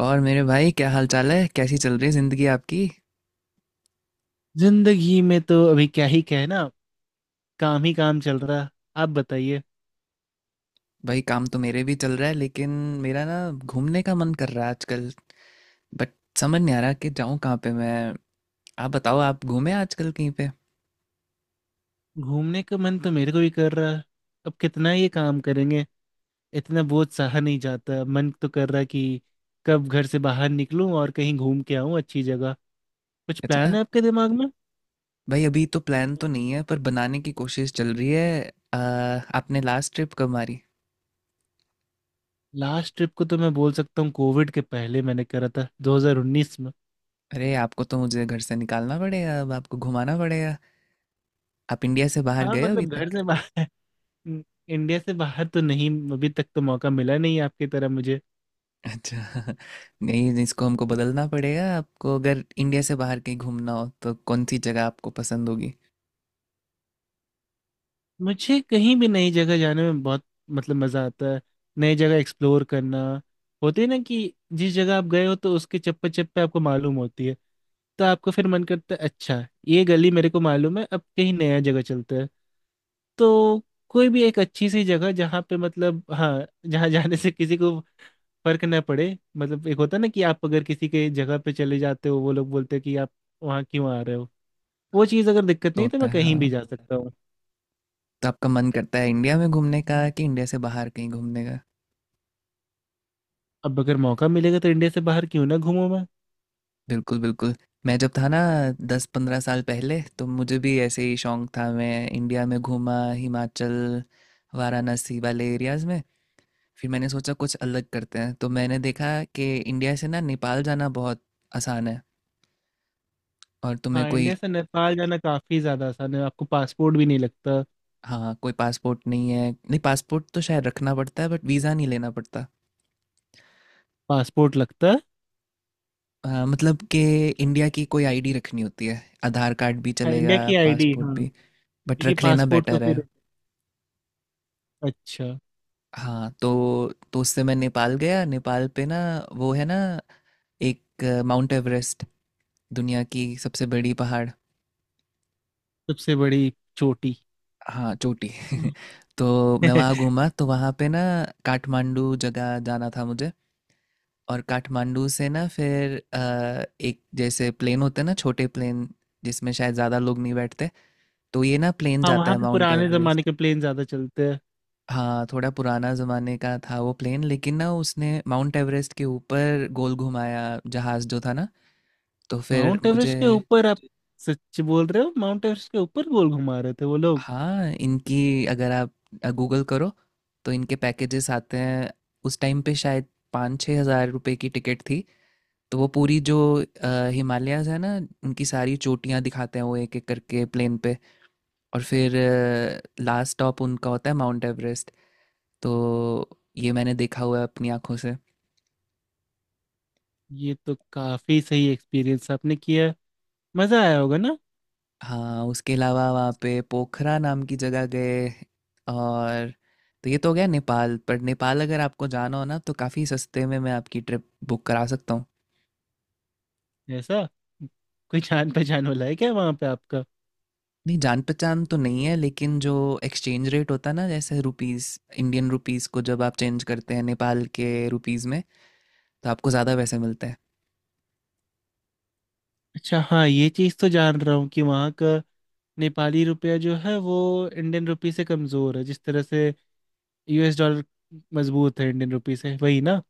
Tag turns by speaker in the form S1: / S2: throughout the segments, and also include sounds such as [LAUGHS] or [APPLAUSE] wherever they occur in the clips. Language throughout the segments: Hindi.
S1: और मेरे भाई क्या हाल चाल है कैसी चल रही है जिंदगी आपकी।
S2: जिंदगी में तो अभी क्या ही कहे ना। काम ही काम चल रहा। आप बताइए।
S1: भाई काम तो मेरे भी चल रहा है, लेकिन मेरा ना घूमने का मन कर रहा है आजकल। बट समझ नहीं आ रहा कि जाऊँ कहाँ पे मैं। आप बताओ, आप घूमे आजकल कहीं पे?
S2: घूमने का मन तो मेरे को भी कर रहा है। अब कितना ये काम करेंगे। इतना बोझ सहा नहीं जाता, मन तो कर रहा कि कब घर से बाहर निकलूं और कहीं घूम के आऊं अच्छी जगह। कुछ प्लान
S1: अच्छा।
S2: है आपके दिमाग में?
S1: भाई अभी तो प्लान तो नहीं है पर बनाने की कोशिश चल रही है। आपने लास्ट ट्रिप कब मारी?
S2: लास्ट ट्रिप को तो मैं बोल सकता हूँ, कोविड के पहले मैंने करा था 2019 में।
S1: अरे आपको तो मुझे घर से निकालना पड़ेगा, अब आपको घुमाना पड़ेगा। आप इंडिया से बाहर
S2: हाँ,
S1: गए हो अभी
S2: मतलब घर
S1: तक?
S2: से बाहर। [LAUGHS] इंडिया से बाहर तो नहीं, अभी तक तो मौका मिला नहीं आपकी तरह मुझे।
S1: अच्छा। [LAUGHS] नहीं, इसको हमको बदलना पड़ेगा। आपको अगर इंडिया से बाहर कहीं घूमना हो तो कौन सी जगह आपको पसंद होगी?
S2: मुझे कहीं भी नई जगह जाने में बहुत, मतलब मज़ा आता है। नई जगह एक्सप्लोर करना। होती है ना कि जिस जगह आप गए हो तो उसके चप्पे चप्पे आपको मालूम होती है। तो आपको फिर मन करता है अच्छा, ये गली मेरे को मालूम है, अब कहीं नया जगह चलते हैं। तो कोई भी एक अच्छी सी जगह जहाँ पे, मतलब हाँ, जहाँ [LAUGHS] जाने से किसी को फर्क ना पड़े। मतलब एक होता है ना कि आप अगर किसी के जगह पे चले जाते हो वो लोग बोलते हैं कि आप वहाँ क्यों आ रहे हो। वो
S1: हाँ।
S2: चीज़ अगर दिक्कत
S1: तो
S2: नहीं है, तो
S1: होता
S2: मैं
S1: है,
S2: कहीं भी
S1: हाँ।
S2: जा सकता।
S1: तो आपका मन करता है इंडिया में घूमने का कि इंडिया से बाहर कहीं घूमने का?
S2: अब अगर मौका मिलेगा तो इंडिया से बाहर क्यों ना घूमूं मैं।
S1: बिल्कुल बिल्कुल। मैं जब था ना 10-15 साल पहले तो मुझे भी ऐसे ही शौक था। मैं इंडिया में घूमा, हिमाचल, वाराणसी वाले एरियाज में। फिर मैंने सोचा कुछ अलग करते हैं, तो मैंने देखा कि इंडिया से ना नेपाल जाना बहुत आसान है। और तुम्हें
S2: हाँ,
S1: कोई
S2: इंडिया से नेपाल जाना काफी ज्यादा आसान है, आपको पासपोर्ट भी नहीं लगता।
S1: हाँ, कोई पासपोर्ट नहीं है। नहीं, पासपोर्ट तो शायद रखना पड़ता है बट वीज़ा नहीं लेना पड़ता।
S2: पासपोर्ट लगता है।
S1: मतलब कि इंडिया की कोई आईडी रखनी होती है। आधार कार्ड भी
S2: हाँ,
S1: चलेगा,
S2: इंडिया की आईडी
S1: पासपोर्ट
S2: हाँ।
S1: भी। बट
S2: क्योंकि
S1: रख लेना
S2: पासपोर्ट तो
S1: बेटर
S2: फिर।
S1: है।
S2: अच्छा।
S1: हाँ, तो उससे मैं नेपाल गया। नेपाल पे ना वो है ना एक माउंट एवरेस्ट, दुनिया की सबसे बड़ी पहाड़।
S2: सबसे बड़ी चोटी।
S1: हाँ, चोटी।
S2: [LAUGHS]
S1: [LAUGHS] तो मैं वहाँ घूमा। तो वहाँ पे ना काठमांडू जगह जाना था मुझे। और काठमांडू से ना फिर एक जैसे प्लेन होते हैं ना, छोटे प्लेन जिसमें शायद ज़्यादा लोग नहीं बैठते। तो ये ना प्लेन
S2: हाँ,
S1: जाता
S2: वहाँ
S1: है
S2: पे
S1: माउंट
S2: पुराने जमाने
S1: एवरेस्ट।
S2: के प्लेन ज्यादा चलते हैं।
S1: हाँ थोड़ा पुराना ज़माने का था वो प्लेन, लेकिन ना उसने माउंट एवरेस्ट के ऊपर गोल घुमाया, जहाज़ जो था ना। तो फिर
S2: माउंट
S1: मुझे
S2: एवरेस्ट के ऊपर आप? सच बोल रहे हो, माउंट एवरेस्ट के ऊपर गोल घुमा रहे थे वो लोग?
S1: हाँ इनकी, अगर आप गूगल करो तो इनके पैकेजेस आते हैं। उस टाइम पे शायद 5-6 हज़ार रुपए की टिकट थी। तो वो पूरी जो हिमालयाज है ना, उनकी सारी चोटियाँ दिखाते हैं वो एक एक करके प्लेन पे। और फिर लास्ट स्टॉप उनका होता है माउंट एवरेस्ट। तो ये मैंने देखा हुआ है अपनी आंखों से।
S2: ये तो काफी सही एक्सपीरियंस आपने किया। मजा आया होगा ना।
S1: हाँ उसके अलावा वहाँ पे पोखरा नाम की जगह गए। और तो ये तो हो गया नेपाल। पर नेपाल अगर आपको जाना हो ना तो काफ़ी सस्ते में मैं आपकी ट्रिप बुक करा सकता हूँ।
S2: ऐसा? कोई जान पहचान वाला है क्या वहाँ पे?
S1: नहीं, जान पहचान तो नहीं है, लेकिन जो एक्सचेंज रेट होता है ना, जैसे रुपीस, इंडियन रुपीस को जब आप चेंज करते हैं नेपाल के रुपीस में, तो आपको ज़्यादा पैसे मिलते हैं।
S2: अच्छा, हाँ ये चीज़ तो जान रहा हूँ कि वहाँ का नेपाली रुपया जो है वो इंडियन रुपी से कमज़ोर है। जिस तरह से यूएस डॉलर मजबूत है इंडियन रुपी से, वही ना।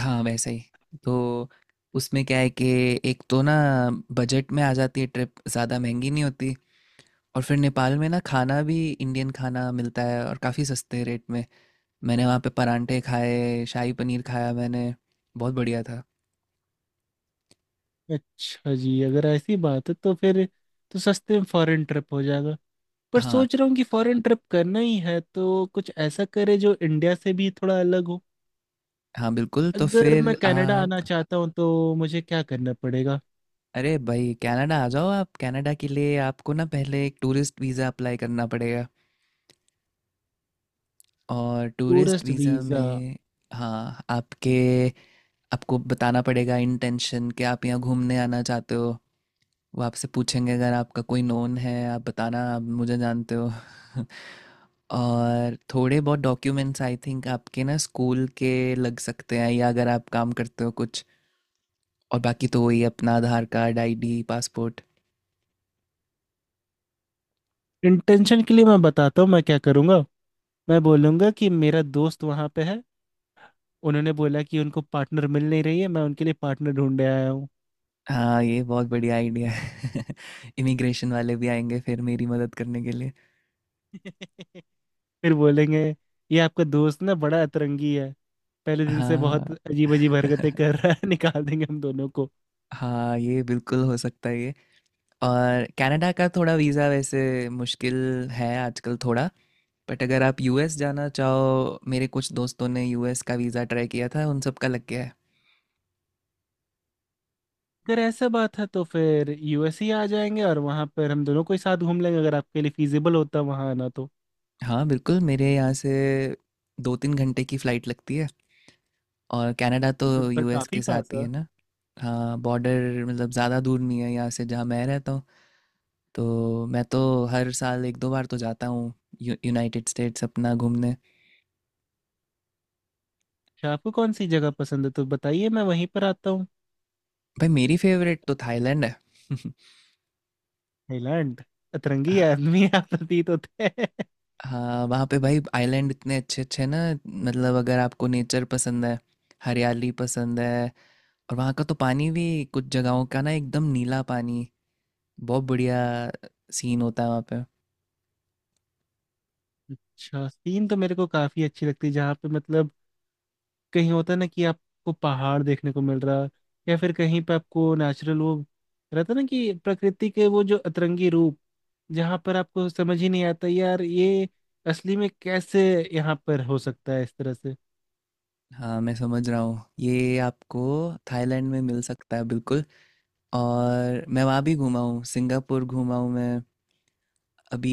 S1: हाँ वैसे ही। तो उसमें क्या है कि एक तो ना बजट में आ जाती है ट्रिप, ज़्यादा महंगी नहीं होती। और फिर नेपाल में ना खाना भी इंडियन खाना मिलता है और काफ़ी सस्ते रेट में। मैंने वहाँ पे परांठे खाए, शाही पनीर खाया मैंने, बहुत बढ़िया था।
S2: अच्छा जी, अगर ऐसी बात है तो फिर तो सस्ते में फॉरेन ट्रिप हो जाएगा। पर
S1: हाँ,
S2: सोच रहा हूँ कि फॉरेन ट्रिप करना ही है तो कुछ ऐसा करे जो इंडिया से भी थोड़ा अलग हो।
S1: हाँ बिल्कुल। तो
S2: अगर मैं
S1: फिर
S2: कनाडा आना
S1: आप
S2: चाहता हूँ तो मुझे क्या करना पड़ेगा?
S1: अरे भाई कनाडा आ जाओ। आप कनाडा के लिए आपको ना पहले एक टूरिस्ट वीज़ा अप्लाई करना पड़ेगा। और टूरिस्ट
S2: टूरिस्ट
S1: वीज़ा
S2: वीज़ा।
S1: में हाँ, आपके आपको बताना पड़ेगा इंटेंशन कि आप यहाँ घूमने आना चाहते हो। वो आपसे पूछेंगे अगर आपका कोई नोन है, आप बताना आप मुझे जानते हो। [LAUGHS] और थोड़े बहुत डॉक्यूमेंट्स आई थिंक आपके ना स्कूल के लग सकते हैं, या अगर आप काम करते हो कुछ, और बाकी तो वही अपना Aadhaar card, ID, passport.
S2: Intention के लिए मैं बताता हूँ मैं क्या करूँगा। मैं बोलूँगा कि मेरा दोस्त वहाँ पे है, उन्होंने बोला कि उनको पार्टनर मिल नहीं रही है, मैं उनके लिए पार्टनर ढूंढने आया हूँ।
S1: हाँ ये बहुत बढ़िया आइडिया है। [LAUGHS] इमिग्रेशन वाले भी आएंगे फिर मेरी मदद करने के लिए।
S2: [LAUGHS] फिर बोलेंगे ये आपका दोस्त ना बड़ा अतरंगी है, पहले दिन से बहुत
S1: हाँ।
S2: अजीब अजीब हरकतें
S1: [LAUGHS]
S2: कर रहा है। [LAUGHS] निकाल देंगे हम दोनों को।
S1: हाँ, ये बिल्कुल हो सकता है ये। और कनाडा का थोड़ा वीज़ा वैसे मुश्किल है आजकल थोड़ा। बट अगर आप यूएस जाना चाहो, मेरे कुछ दोस्तों ने यूएस का वीज़ा ट्राई किया था, उन सब का लग गया है।
S2: अगर ऐसा बात है तो फिर यूएस ही आ जाएंगे और वहां पर हम दोनों को ही साथ घूम लेंगे, अगर आपके लिए फिजिबल होता वहां आना तो।
S1: हाँ बिल्कुल। मेरे यहाँ से 2-3 घंटे की फ़्लाइट लगती है, और कनाडा तो
S2: वो तो फिर
S1: यूएस
S2: काफी
S1: के
S2: पास
S1: साथ ही
S2: है।
S1: है ना। हाँ बॉर्डर मतलब ज़्यादा दूर नहीं है यहाँ से जहाँ मैं रहता हूँ। तो मैं तो हर साल एक दो बार तो जाता हूँ यूनाइटेड स्टेट्स अपना घूमने।
S2: अच्छा, आपको कौन सी जगह पसंद है तो बताइए, मैं वहीं पर आता हूँ।
S1: भाई मेरी फेवरेट तो थाईलैंड है। [LAUGHS]
S2: थाईलैंड? अतरंगी
S1: हाँ।
S2: आदमी [LAUGHS] आप प्रतीत होते हैं।
S1: हाँ, वहाँ पे भाई आइलैंड इतने अच्छे अच्छे हैं ना। मतलब अगर आपको नेचर पसंद है, हरियाली पसंद है। और वहाँ का तो पानी भी, कुछ जगहों का ना एकदम नीला पानी, बहुत बढ़िया सीन होता है वहाँ पे।
S2: अच्छा, सीन तो मेरे को काफी अच्छी लगती है। जहाँ पे, मतलब कहीं होता है ना कि आपको पहाड़ देखने को मिल रहा, या फिर कहीं पे आपको नेचुरल वो रहता ना कि प्रकृति के वो जो अतरंगी रूप, जहाँ पर आपको समझ ही नहीं आता यार ये असली में कैसे यहाँ पर हो सकता है इस तरह से।
S1: हाँ मैं समझ रहा हूँ, ये आपको थाईलैंड में मिल सकता है बिल्कुल। और मैं वहाँ भी घूमा हूँ, सिंगापुर घूमा हूँ मैं, अभी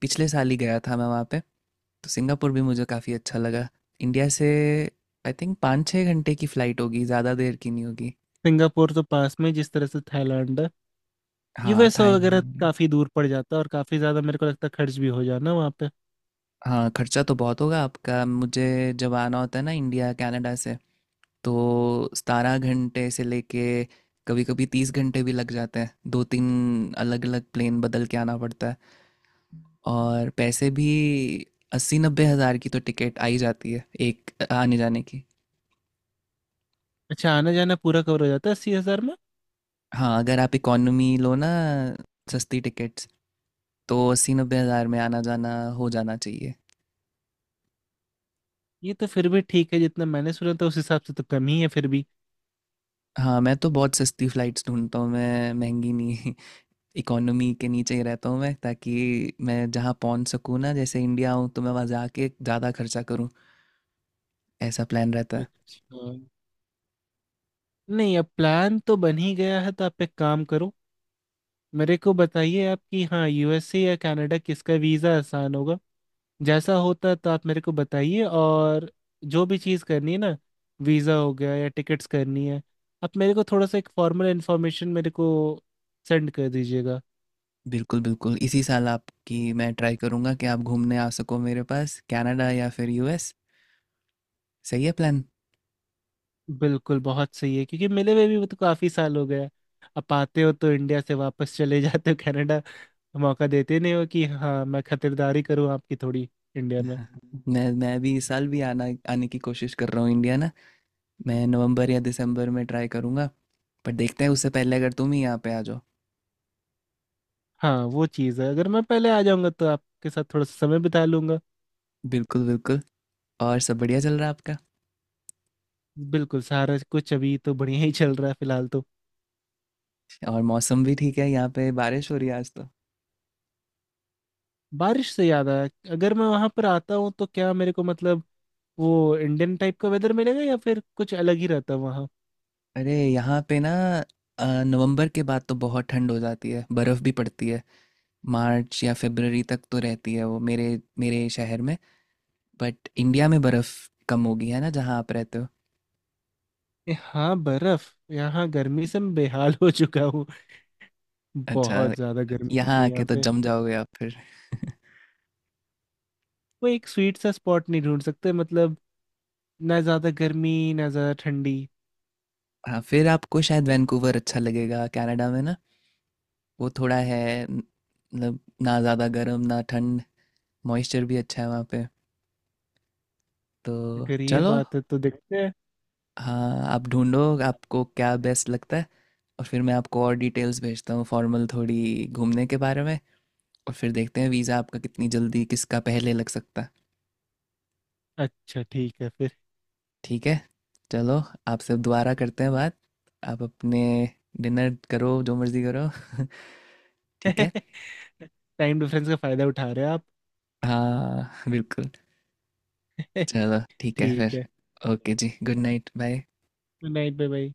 S1: पिछले साल ही गया था मैं वहाँ पे। तो सिंगापुर भी मुझे काफ़ी अच्छा लगा। इंडिया से आई थिंक 5-6 घंटे की फ़्लाइट होगी, ज़्यादा देर की नहीं होगी।
S2: सिंगापुर तो पास में, जिस तरह से थाईलैंड है।
S1: हाँ
S2: यूएस
S1: थाईलैंड
S2: वगैरह
S1: में।
S2: काफी दूर पड़ जाता है, और काफी ज्यादा मेरे को लगता है खर्च भी हो जाना वहाँ पे।
S1: हाँ, खर्चा तो बहुत होगा आपका। मुझे जब आना होता है ना इंडिया कनाडा से तो 17 घंटे से लेके कभी कभी 30 घंटे भी लग जाते हैं, दो तीन अलग अलग प्लेन बदल के आना पड़ता है। और पैसे भी 80-90 हज़ार की तो टिकट आ ही जाती है एक आने जाने की।
S2: अच्छा, आना जाना पूरा कवर हो जाता है 80,000 में?
S1: हाँ अगर आप इकोनॉमी लो ना, सस्ती टिकट्स, तो 80-90 हज़ार में आना जाना हो जाना चाहिए।
S2: ये तो फिर भी ठीक है, जितना मैंने सुना था उस हिसाब से तो कम ही है फिर भी।
S1: हाँ मैं तो बहुत सस्ती फ़्लाइट्स ढूंढता हूँ, मैं महंगी नहीं। [LAUGHS] इकोनॉमी के नीचे ही रहता हूँ मैं, ताकि मैं जहाँ पहुँच सकूँ ना, जैसे इंडिया आऊँ, तो मैं वहाँ जाके ज़्यादा खर्चा करूँ। ऐसा प्लान रहता है।
S2: अच्छा। नहीं, अब प्लान तो बन ही गया है तो आप एक काम करो। मेरे को बताइए आप कि हाँ, यूएसए या कनाडा, किसका वीज़ा आसान होगा जैसा होता है, तो आप मेरे को बताइए। और जो भी चीज़ करनी है ना, वीज़ा हो गया या टिकट्स करनी है, आप मेरे को थोड़ा सा एक फॉर्मल इन्फॉर्मेशन मेरे को सेंड कर दीजिएगा।
S1: बिल्कुल बिल्कुल, इसी साल आपकी मैं ट्राई करूँगा कि आप घूमने आ सको मेरे पास कनाडा या फिर यूएस। सही है प्लान।
S2: बिल्कुल बहुत सही है, क्योंकि मिले हुए भी वो तो काफ़ी साल हो गया। आप आते हो तो इंडिया से वापस चले जाते हो कनाडा, मौका देते नहीं हो कि हाँ मैं खतिरदारी करूँ आपकी थोड़ी इंडिया में।
S1: [LAUGHS] मैं भी इस साल भी आना आने की कोशिश कर रहा हूँ इंडिया ना। मैं नवंबर या दिसंबर में ट्राई करूँगा। पर देखते हैं उससे पहले अगर तुम ही यहाँ पे आ जाओ।
S2: हाँ, वो चीज़ है, अगर मैं पहले आ जाऊंगा तो आपके साथ थोड़ा सा समय बिता लूंगा।
S1: बिल्कुल बिल्कुल। और सब बढ़िया चल रहा है आपका?
S2: बिल्कुल, सारा कुछ अभी तो बढ़िया ही चल रहा है फिलहाल तो।
S1: और मौसम भी ठीक है, यहाँ पे बारिश हो रही है आज तो।
S2: बारिश से याद आया, अगर मैं वहां पर आता हूँ तो क्या मेरे को, मतलब वो इंडियन टाइप का वेदर मिलेगा या फिर कुछ अलग ही रहता है वहाँ?
S1: अरे यहाँ पे ना नवंबर के बाद तो बहुत ठंड हो जाती है, बर्फ़ भी पड़ती है। मार्च या फरवरी तक तो रहती है वो मेरे मेरे शहर में। बट इंडिया में बर्फ़ कम होगी है ना जहाँ आप रहते हो।
S2: हाँ बर्फ, यहाँ गर्मी से मैं बेहाल हो चुका हूँ।
S1: अच्छा।
S2: बहुत ज्यादा गर्मी
S1: यहाँ
S2: होती है
S1: आके
S2: यहाँ
S1: तो
S2: पे।
S1: जम जाओगे आप फिर। [LAUGHS]
S2: कोई एक स्वीट सा स्पॉट नहीं ढूंढ सकते? मतलब ना ज्यादा गर्मी, ना ज्यादा ठंडी।
S1: हाँ फिर आपको शायद वैंकूवर अच्छा लगेगा कनाडा में ना। वो थोड़ा है, न- मतलब ना ज़्यादा गर्म ना ठंड, मॉइस्चर भी अच्छा है वहाँ पे। तो
S2: अगर ये
S1: चलो।
S2: बात है तो देखते हैं।
S1: हाँ आप ढूंढो आपको क्या बेस्ट लगता है, और फिर मैं आपको और डिटेल्स भेजता हूँ फॉर्मल थोड़ी घूमने के बारे में। और फिर देखते हैं वीज़ा आपका कितनी जल्दी किसका पहले लग सकता है।
S2: अच्छा ठीक है।
S1: ठीक है। चलो, आपसे दोबारा करते हैं बात। आप अपने डिनर करो, जो मर्ज़ी करो। [LAUGHS] ठीक है।
S2: फिर [LAUGHS] टाइम डिफरेंस का फायदा उठा रहे हो आप।
S1: हाँ बिल्कुल।
S2: [LAUGHS]
S1: चलो ठीक है
S2: ठीक है।
S1: फिर। ओके जी, good night, bye.
S2: Good night भाई।